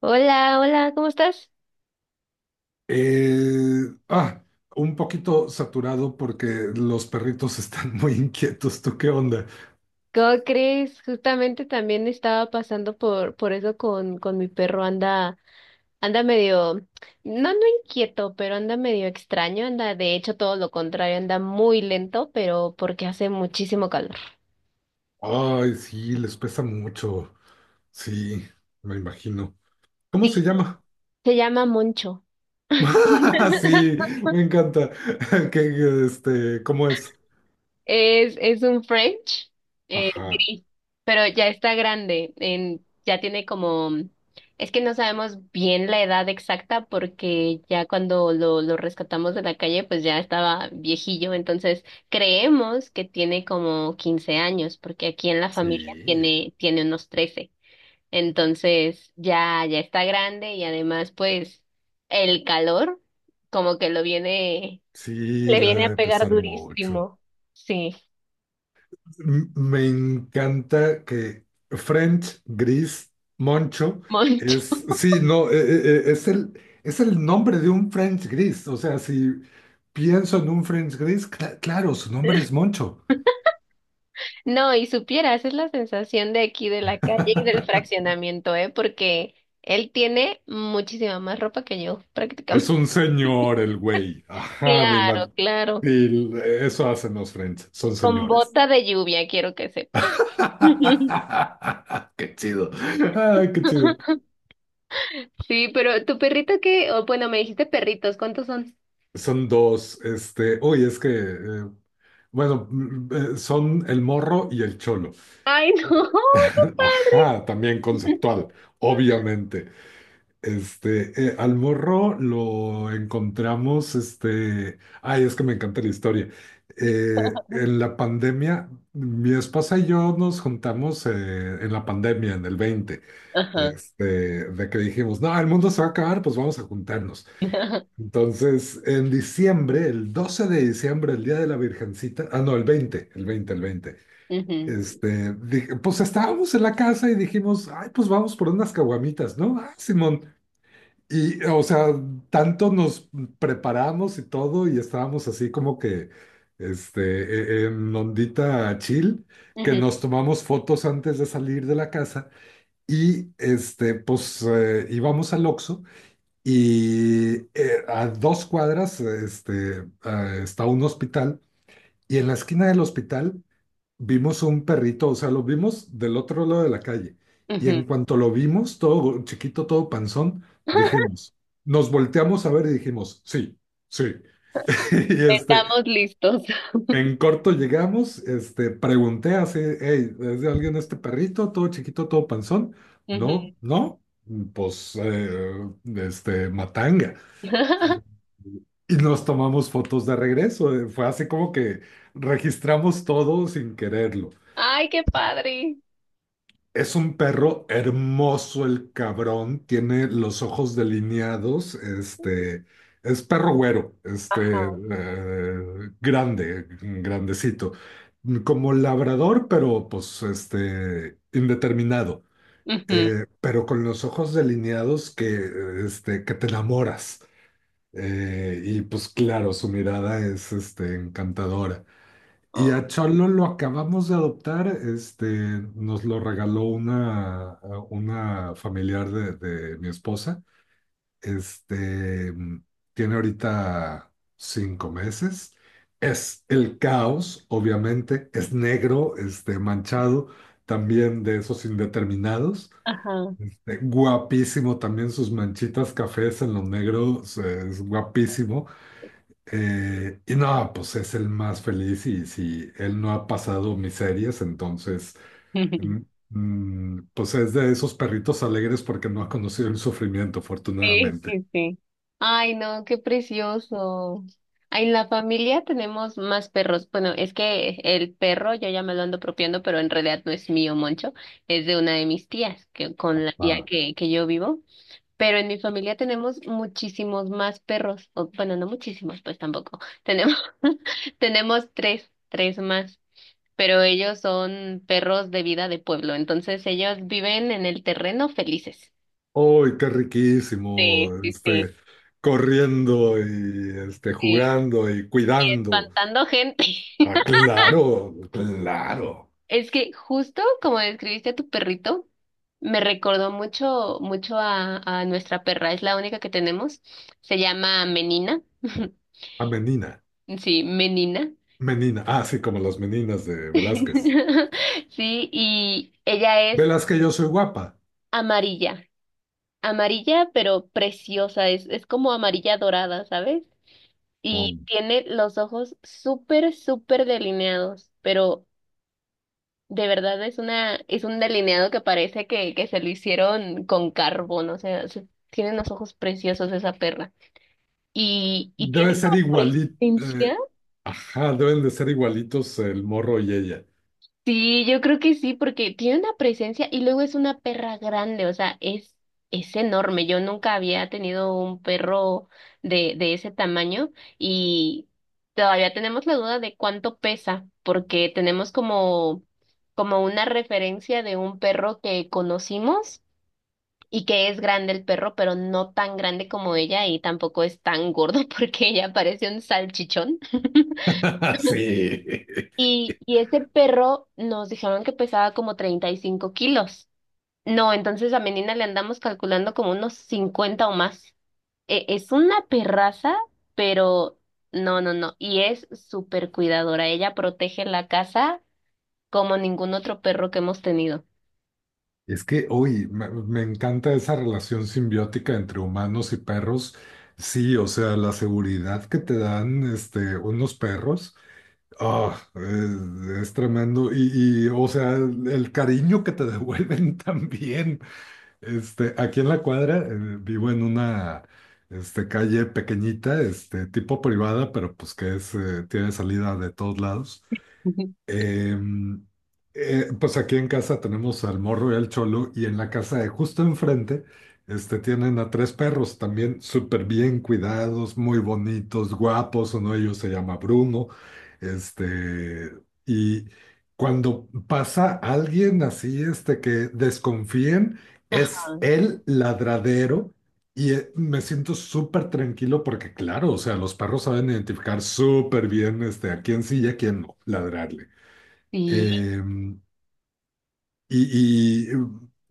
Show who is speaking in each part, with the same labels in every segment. Speaker 1: Hola, hola, ¿cómo estás?
Speaker 2: Eh, ah, un poquito saturado porque los perritos están muy inquietos. ¿Tú qué onda?
Speaker 1: ¿Cómo crees? Justamente también estaba pasando por eso con mi perro, anda medio, no, no inquieto, pero anda medio extraño, anda, de hecho, todo lo contrario, anda muy lento, pero porque hace muchísimo calor.
Speaker 2: Ay, sí, les pesa mucho. Sí, me imagino. ¿Cómo
Speaker 1: Sí,
Speaker 2: se llama?
Speaker 1: se llama Moncho.
Speaker 2: Sí, me encanta. Que, ¿cómo es?
Speaker 1: Es un French
Speaker 2: Ajá,
Speaker 1: gris, pero ya está grande, ya tiene como, es que no sabemos bien la edad exacta porque ya cuando lo rescatamos de la calle, pues ya estaba viejillo, entonces creemos que tiene como 15 años, porque aquí en la familia
Speaker 2: sí,
Speaker 1: tiene unos 13, entonces ya está grande y además pues el calor como que
Speaker 2: sí,
Speaker 1: le
Speaker 2: le
Speaker 1: viene a
Speaker 2: debe
Speaker 1: pegar
Speaker 2: pesar mucho.
Speaker 1: durísimo, sí.
Speaker 2: Me encanta que French, Gris, Moncho
Speaker 1: Moncho.
Speaker 2: es, sí, no, es el nombre de un French Gris. O sea, si pienso en un French Gris, claro, su nombre es Moncho.
Speaker 1: No, y supieras, es la sensación de aquí de la calle y del fraccionamiento, ¿eh? Porque él tiene muchísima más ropa que yo,
Speaker 2: Es
Speaker 1: prácticamente.
Speaker 2: un señor el güey. Ajá, mi
Speaker 1: Claro,
Speaker 2: man.
Speaker 1: claro.
Speaker 2: Y eso hacen los French, son
Speaker 1: Con
Speaker 2: señores.
Speaker 1: bota de lluvia, quiero que sepas.
Speaker 2: Qué chido. Ay, qué chido.
Speaker 1: Sí, pero tu perrito qué, o bueno, me dijiste perritos, ¿cuántos son?
Speaker 2: Son dos, uy, es que bueno, son el morro y el cholo.
Speaker 1: Ay, no.
Speaker 2: Ajá, también conceptual, obviamente. Al morro lo encontramos. Ay, es que me encanta la historia. En la pandemia, mi esposa y yo nos juntamos, en el 20.
Speaker 1: Ajá.
Speaker 2: este, de que dijimos, no, el mundo se va a acabar, pues vamos a juntarnos. Entonces, en diciembre, el 12 de diciembre, el día de la Virgencita, no, el 20, el 20, el 20.
Speaker 1: Ujú,
Speaker 2: Dije, pues estábamos en la casa y dijimos, ay, pues vamos por unas caguamitas, ¿no? Simón. Y, o sea, tanto nos preparamos y todo, y estábamos así como que, en ondita chill, que
Speaker 1: ujú,
Speaker 2: nos tomamos fotos antes de salir de la casa, y, pues, íbamos al Oxxo, y, a 2 cuadras, está un hospital, y en la esquina del hospital vimos un perrito. O sea, lo vimos del otro lado de la calle. Y
Speaker 1: ujú.
Speaker 2: en cuanto lo vimos, todo chiquito, todo panzón, dijimos, nos volteamos a ver y dijimos, sí, sí. Y,
Speaker 1: Estamos listos.
Speaker 2: en corto llegamos. Pregunté así, hey, ¿es de alguien este perrito? Todo chiquito, todo panzón.
Speaker 1: Ujú.
Speaker 2: No, no, pues, matanga. Y y nos tomamos fotos de regreso. Fue así como que registramos todo sin quererlo.
Speaker 1: Ay, qué padre.
Speaker 2: Es un perro hermoso el cabrón, tiene los ojos delineados. Es perro güero, grande, grandecito, como labrador, pero pues, indeterminado. Pero con los ojos delineados que, que te enamoras. Y pues claro, su mirada es, encantadora. Y
Speaker 1: Ujú.
Speaker 2: a Cholo lo acabamos de adoptar. Nos lo regaló una familiar de mi esposa. Este, Tiene ahorita 5 meses. Es el caos, obviamente. Es negro, manchado, también de esos indeterminados. Guapísimo también sus manchitas cafés en lo negro. O sea, es guapísimo. Y no, pues es el más feliz, y si él no ha pasado miserias, entonces, mm, pues es de esos perritos alegres porque no ha conocido el sufrimiento,
Speaker 1: Sí,
Speaker 2: afortunadamente.
Speaker 1: sí, sí. Ay, no, qué precioso. Ay, en la familia tenemos más perros. Bueno, es que el perro yo ya me lo ando apropiando, pero en realidad no es mío, Moncho, es de una de mis tías, que con la tía
Speaker 2: Ah,
Speaker 1: que yo vivo. Pero en mi familia tenemos muchísimos más perros. O, bueno, no muchísimos, pues tampoco. Tenemos, tenemos tres más. Pero ellos son perros de vida de pueblo, entonces ellos viven en el terreno felices.
Speaker 2: ¡Uy, qué riquísimo!
Speaker 1: Sí, sí, sí.
Speaker 2: Corriendo y, jugando y cuidando.
Speaker 1: Espantando gente.
Speaker 2: Claro, claro.
Speaker 1: Es que justo como describiste a tu perrito, me recordó mucho, mucho a nuestra perra. Es la única que tenemos. Se llama Menina.
Speaker 2: A Menina.
Speaker 1: Sí, Menina.
Speaker 2: Menina, sí, como las meninas de Velázquez.
Speaker 1: Sí, y ella es
Speaker 2: Velázquez, yo soy guapa.
Speaker 1: amarilla. Amarilla, pero preciosa. Es como amarilla dorada, ¿sabes?
Speaker 2: Oh.
Speaker 1: Y tiene los ojos súper, súper delineados, pero de verdad es es un delineado que parece que se lo hicieron con carbón, o sea, tiene unos ojos preciosos esa perra. Y tiene
Speaker 2: Debe ser
Speaker 1: una
Speaker 2: igualito.
Speaker 1: presencia.
Speaker 2: Ajá, deben de ser igualitos el morro y ella.
Speaker 1: Sí, yo creo que sí, porque tiene una presencia y luego es una perra grande, o sea, es enorme. Yo nunca había tenido un perro de ese tamaño y todavía tenemos la duda de cuánto pesa, porque tenemos como una referencia de un perro que conocimos y que es grande el perro, pero no tan grande como ella y tampoco es tan gordo porque ella parece un salchichón.
Speaker 2: Sí.
Speaker 1: Y ese perro nos dijeron que pesaba como 35 kilos. No, entonces a Menina le andamos calculando como unos 50 o más. Es una perraza, pero no, no, no. Y es súper cuidadora. Ella protege la casa como ningún otro perro que hemos tenido.
Speaker 2: Es que, uy, me encanta esa relación simbiótica entre humanos y perros. Sí, o sea, la seguridad que te dan, unos perros, es tremendo. Y, o sea, el cariño que te devuelven también. Aquí en la cuadra, vivo en una, calle pequeñita, tipo privada, pero pues que es, tiene salida de todos lados. Eh, pues aquí en casa tenemos al Morro y al Cholo, y en la casa de justo enfrente, tienen a tres perros también súper bien cuidados, muy bonitos, guapos. Uno de ellos se llama Bruno. Este, y cuando pasa alguien así, que desconfíen,
Speaker 1: Ajá,
Speaker 2: es el ladradero. Y, me siento súper tranquilo porque, claro, o sea, los perros saben identificar súper bien, a quién sí y a quién no ladrarle.
Speaker 1: sí.
Speaker 2: Eh, y,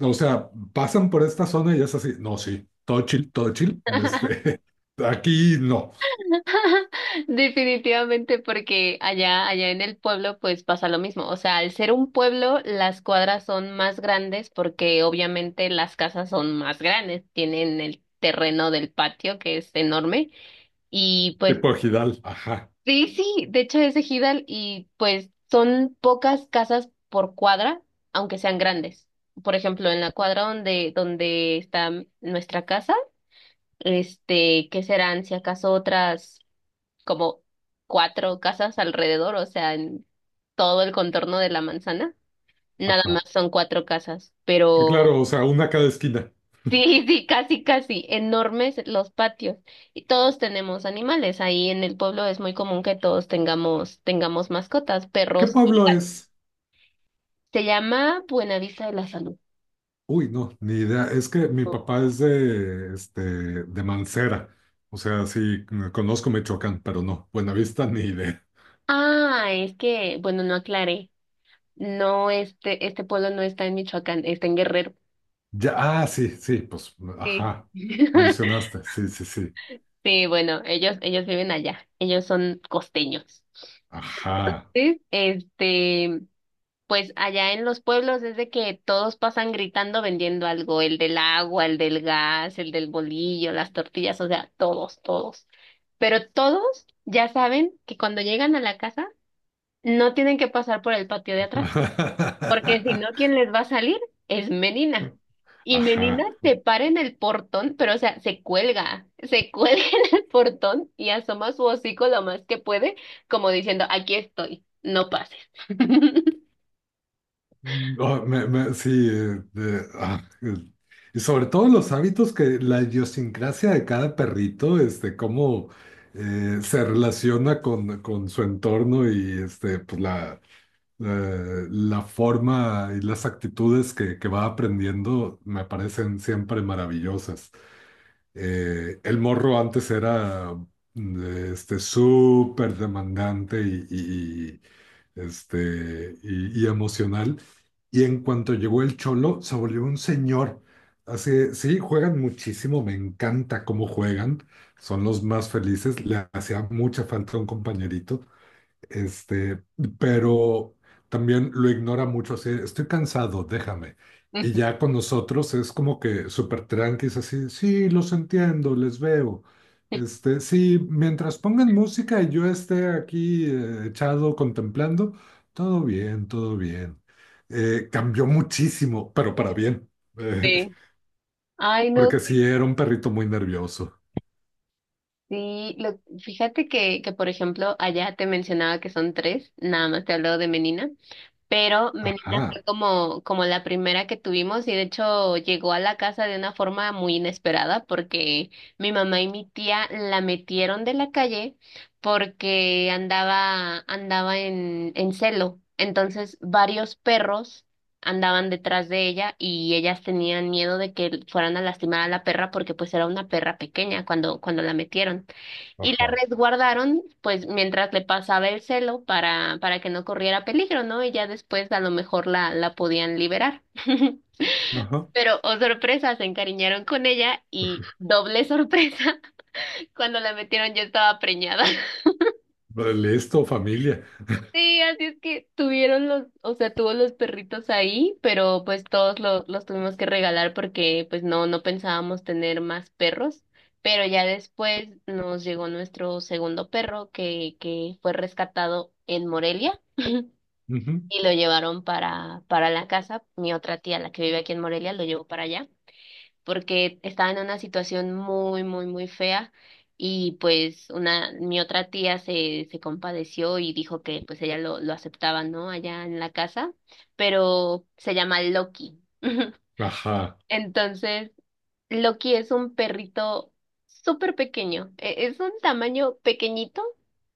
Speaker 2: o sea, pasan por esta zona y es así, no, sí, todo chill, aquí no,
Speaker 1: Definitivamente, porque allá en el pueblo, pues pasa lo mismo. O sea, al ser un pueblo, las cuadras son más grandes porque obviamente las casas son más grandes, tienen el terreno del patio que es enorme y pues
Speaker 2: tipo Gidal, ajá,
Speaker 1: sí, sí, de hecho es ejidal y pues son pocas casas por cuadra, aunque sean grandes. Por ejemplo, en la cuadra donde está nuestra casa, que serán si acaso otras como cuatro casas alrededor, o sea, en todo el contorno de la manzana, nada
Speaker 2: ajá.
Speaker 1: más son cuatro casas,
Speaker 2: Sí,
Speaker 1: pero
Speaker 2: claro, o sea, una a cada esquina.
Speaker 1: sí, sí, casi, casi, enormes los patios. Y todos tenemos animales, ahí en el pueblo es muy común que todos tengamos mascotas,
Speaker 2: ¿Qué
Speaker 1: perros y
Speaker 2: pueblo
Speaker 1: gatos.
Speaker 2: es?
Speaker 1: Se llama Buenavista de la Salud.
Speaker 2: Uy, no, ni idea, es que mi papá es de Mancera. O sea, sí, conozco Michoacán, pero no, Buenavista, ni idea.
Speaker 1: Ah, es que, bueno, no aclaré. No, este pueblo no está en Michoacán, está en Guerrero.
Speaker 2: Ya, sí, sí, pues,
Speaker 1: Sí.
Speaker 2: ajá, mencionaste, sí, sí, sí,
Speaker 1: Sí, bueno, ellos viven allá, ellos son costeños.
Speaker 2: ajá.
Speaker 1: Sí. Pues allá en los pueblos es de que todos pasan gritando vendiendo algo, el del agua, el del gas, el del bolillo, las tortillas, o sea, todos, todos. Pero todos ya saben que cuando llegan a la casa no tienen que pasar por el patio de atrás. Porque si no, ¿quién les va a salir? Es Menina. Y
Speaker 2: Ajá.
Speaker 1: Menina se para en el portón, pero o sea, se cuelga en el portón y asoma su hocico lo más que puede, como diciendo, aquí estoy, no pases.
Speaker 2: No, sí, y sobre todo los hábitos que la idiosincrasia de cada perrito, cómo, se relaciona con su entorno, y, pues la forma y las actitudes que va aprendiendo me parecen siempre maravillosas. El morro antes era, mm, súper demandante y emocional. Y en cuanto llegó el Cholo, se volvió un señor. Así, sí, juegan muchísimo, me encanta cómo juegan, son los más felices, le hacía mucha falta un compañerito. este, pero también lo ignora mucho, así, estoy cansado, déjame. Y ya con nosotros es como que súper tranquis, así, sí, los entiendo, les veo. Sí, mientras pongan música y yo esté aquí, echado contemplando, todo bien, todo bien. Cambió muchísimo, pero para bien, eh,
Speaker 1: Sí. Ay, no,
Speaker 2: porque sí era un perrito muy nervioso.
Speaker 1: sí, fíjate que, por ejemplo, allá te mencionaba que son tres, nada más te hablo de Menina, pero Menina fue
Speaker 2: Ajá,
Speaker 1: como la primera que tuvimos y de hecho llegó a la casa de una forma muy inesperada porque mi mamá y mi tía la metieron de la calle porque andaba en celo. Entonces varios perros andaban detrás de ella y ellas tenían miedo de que fueran a lastimar a la perra porque pues era una perra pequeña cuando la metieron. Y la
Speaker 2: ajá,
Speaker 1: resguardaron, pues, mientras le pasaba el celo para que no corriera peligro, ¿no? Y ya después a lo mejor la podían liberar.
Speaker 2: ajá.
Speaker 1: Pero, oh sorpresa, se encariñaron con ella y doble sorpresa, cuando la metieron yo estaba preñada.
Speaker 2: Listo, familia.
Speaker 1: Sí, así es que o sea, tuvo los perritos ahí, pero pues todos los tuvimos que regalar porque pues no, no pensábamos tener más perros, pero ya después nos llegó nuestro segundo perro que fue rescatado en Morelia
Speaker 2: Ujú,
Speaker 1: y lo llevaron para la casa. Mi otra tía, la que vive aquí en Morelia, lo llevó para allá porque estaba en una situación muy, muy, muy fea y pues mi otra tía se compadeció y dijo que pues ella lo aceptaba, ¿no? Allá en la casa, pero se llama Loki.
Speaker 2: ajá.
Speaker 1: Entonces, Loki es un perrito súper pequeño, es un tamaño pequeñito.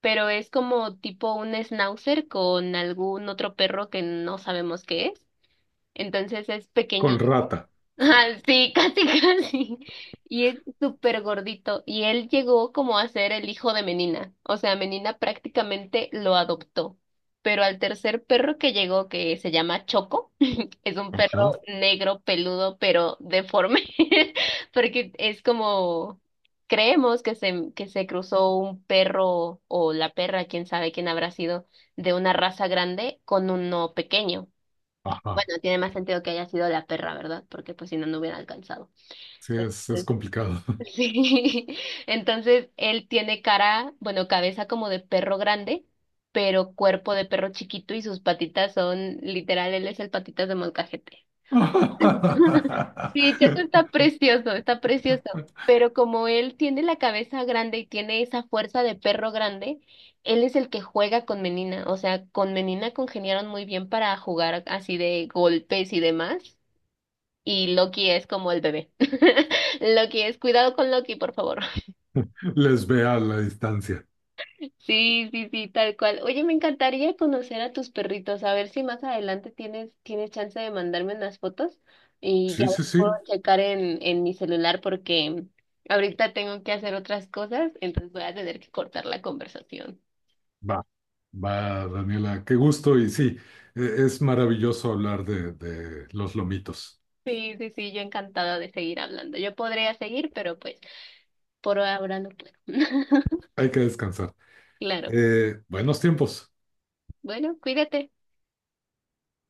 Speaker 1: Pero es como tipo un schnauzer con algún otro perro que no sabemos qué es. Entonces es
Speaker 2: Con
Speaker 1: pequeñito.
Speaker 2: rata.
Speaker 1: Ajá, sí, casi, casi. Y es súper gordito. Y él llegó como a ser el hijo de Menina. O sea, Menina prácticamente lo adoptó. Pero al tercer perro que llegó, que se llama Choco, es un perro
Speaker 2: Ajá,
Speaker 1: negro, peludo, pero deforme, porque es como, creemos que que se cruzó un perro o la perra, quién sabe quién habrá sido, de una raza grande con uno pequeño.
Speaker 2: ajá.
Speaker 1: Bueno, tiene más sentido que haya sido la perra, ¿verdad? Porque pues si no, no hubiera alcanzado.
Speaker 2: Sí, es complicado.
Speaker 1: Sí. Entonces, él tiene cara, bueno, cabeza como de perro grande, pero cuerpo de perro chiquito y sus patitas son, literal, él es el patitas de molcajete. Sí, Checo está precioso, está precioso. Pero como él tiene la cabeza grande y tiene esa fuerza de perro grande, él es el que juega con Menina. O sea, con Menina congeniaron muy bien para jugar así de golpes y demás. Y Loki es como el bebé. Loki es, cuidado con Loki, por favor.
Speaker 2: Les ve a la distancia.
Speaker 1: Sí, sí, sí, tal cual. Oye, me encantaría conocer a tus perritos, a ver si más adelante tienes chance de mandarme unas fotos y ya
Speaker 2: Sí, sí,
Speaker 1: las puedo
Speaker 2: sí.
Speaker 1: checar en mi celular porque ahorita tengo que hacer otras cosas, entonces voy a tener que cortar la conversación.
Speaker 2: Va, va, Daniela. Qué gusto y sí, es maravilloso hablar de los lomitos.
Speaker 1: Sí, sí, sí, yo encantada de seguir hablando. Yo podría seguir, pero pues por ahora no puedo.
Speaker 2: Hay que descansar.
Speaker 1: Claro.
Speaker 2: Buenos tiempos.
Speaker 1: Bueno, cuídate.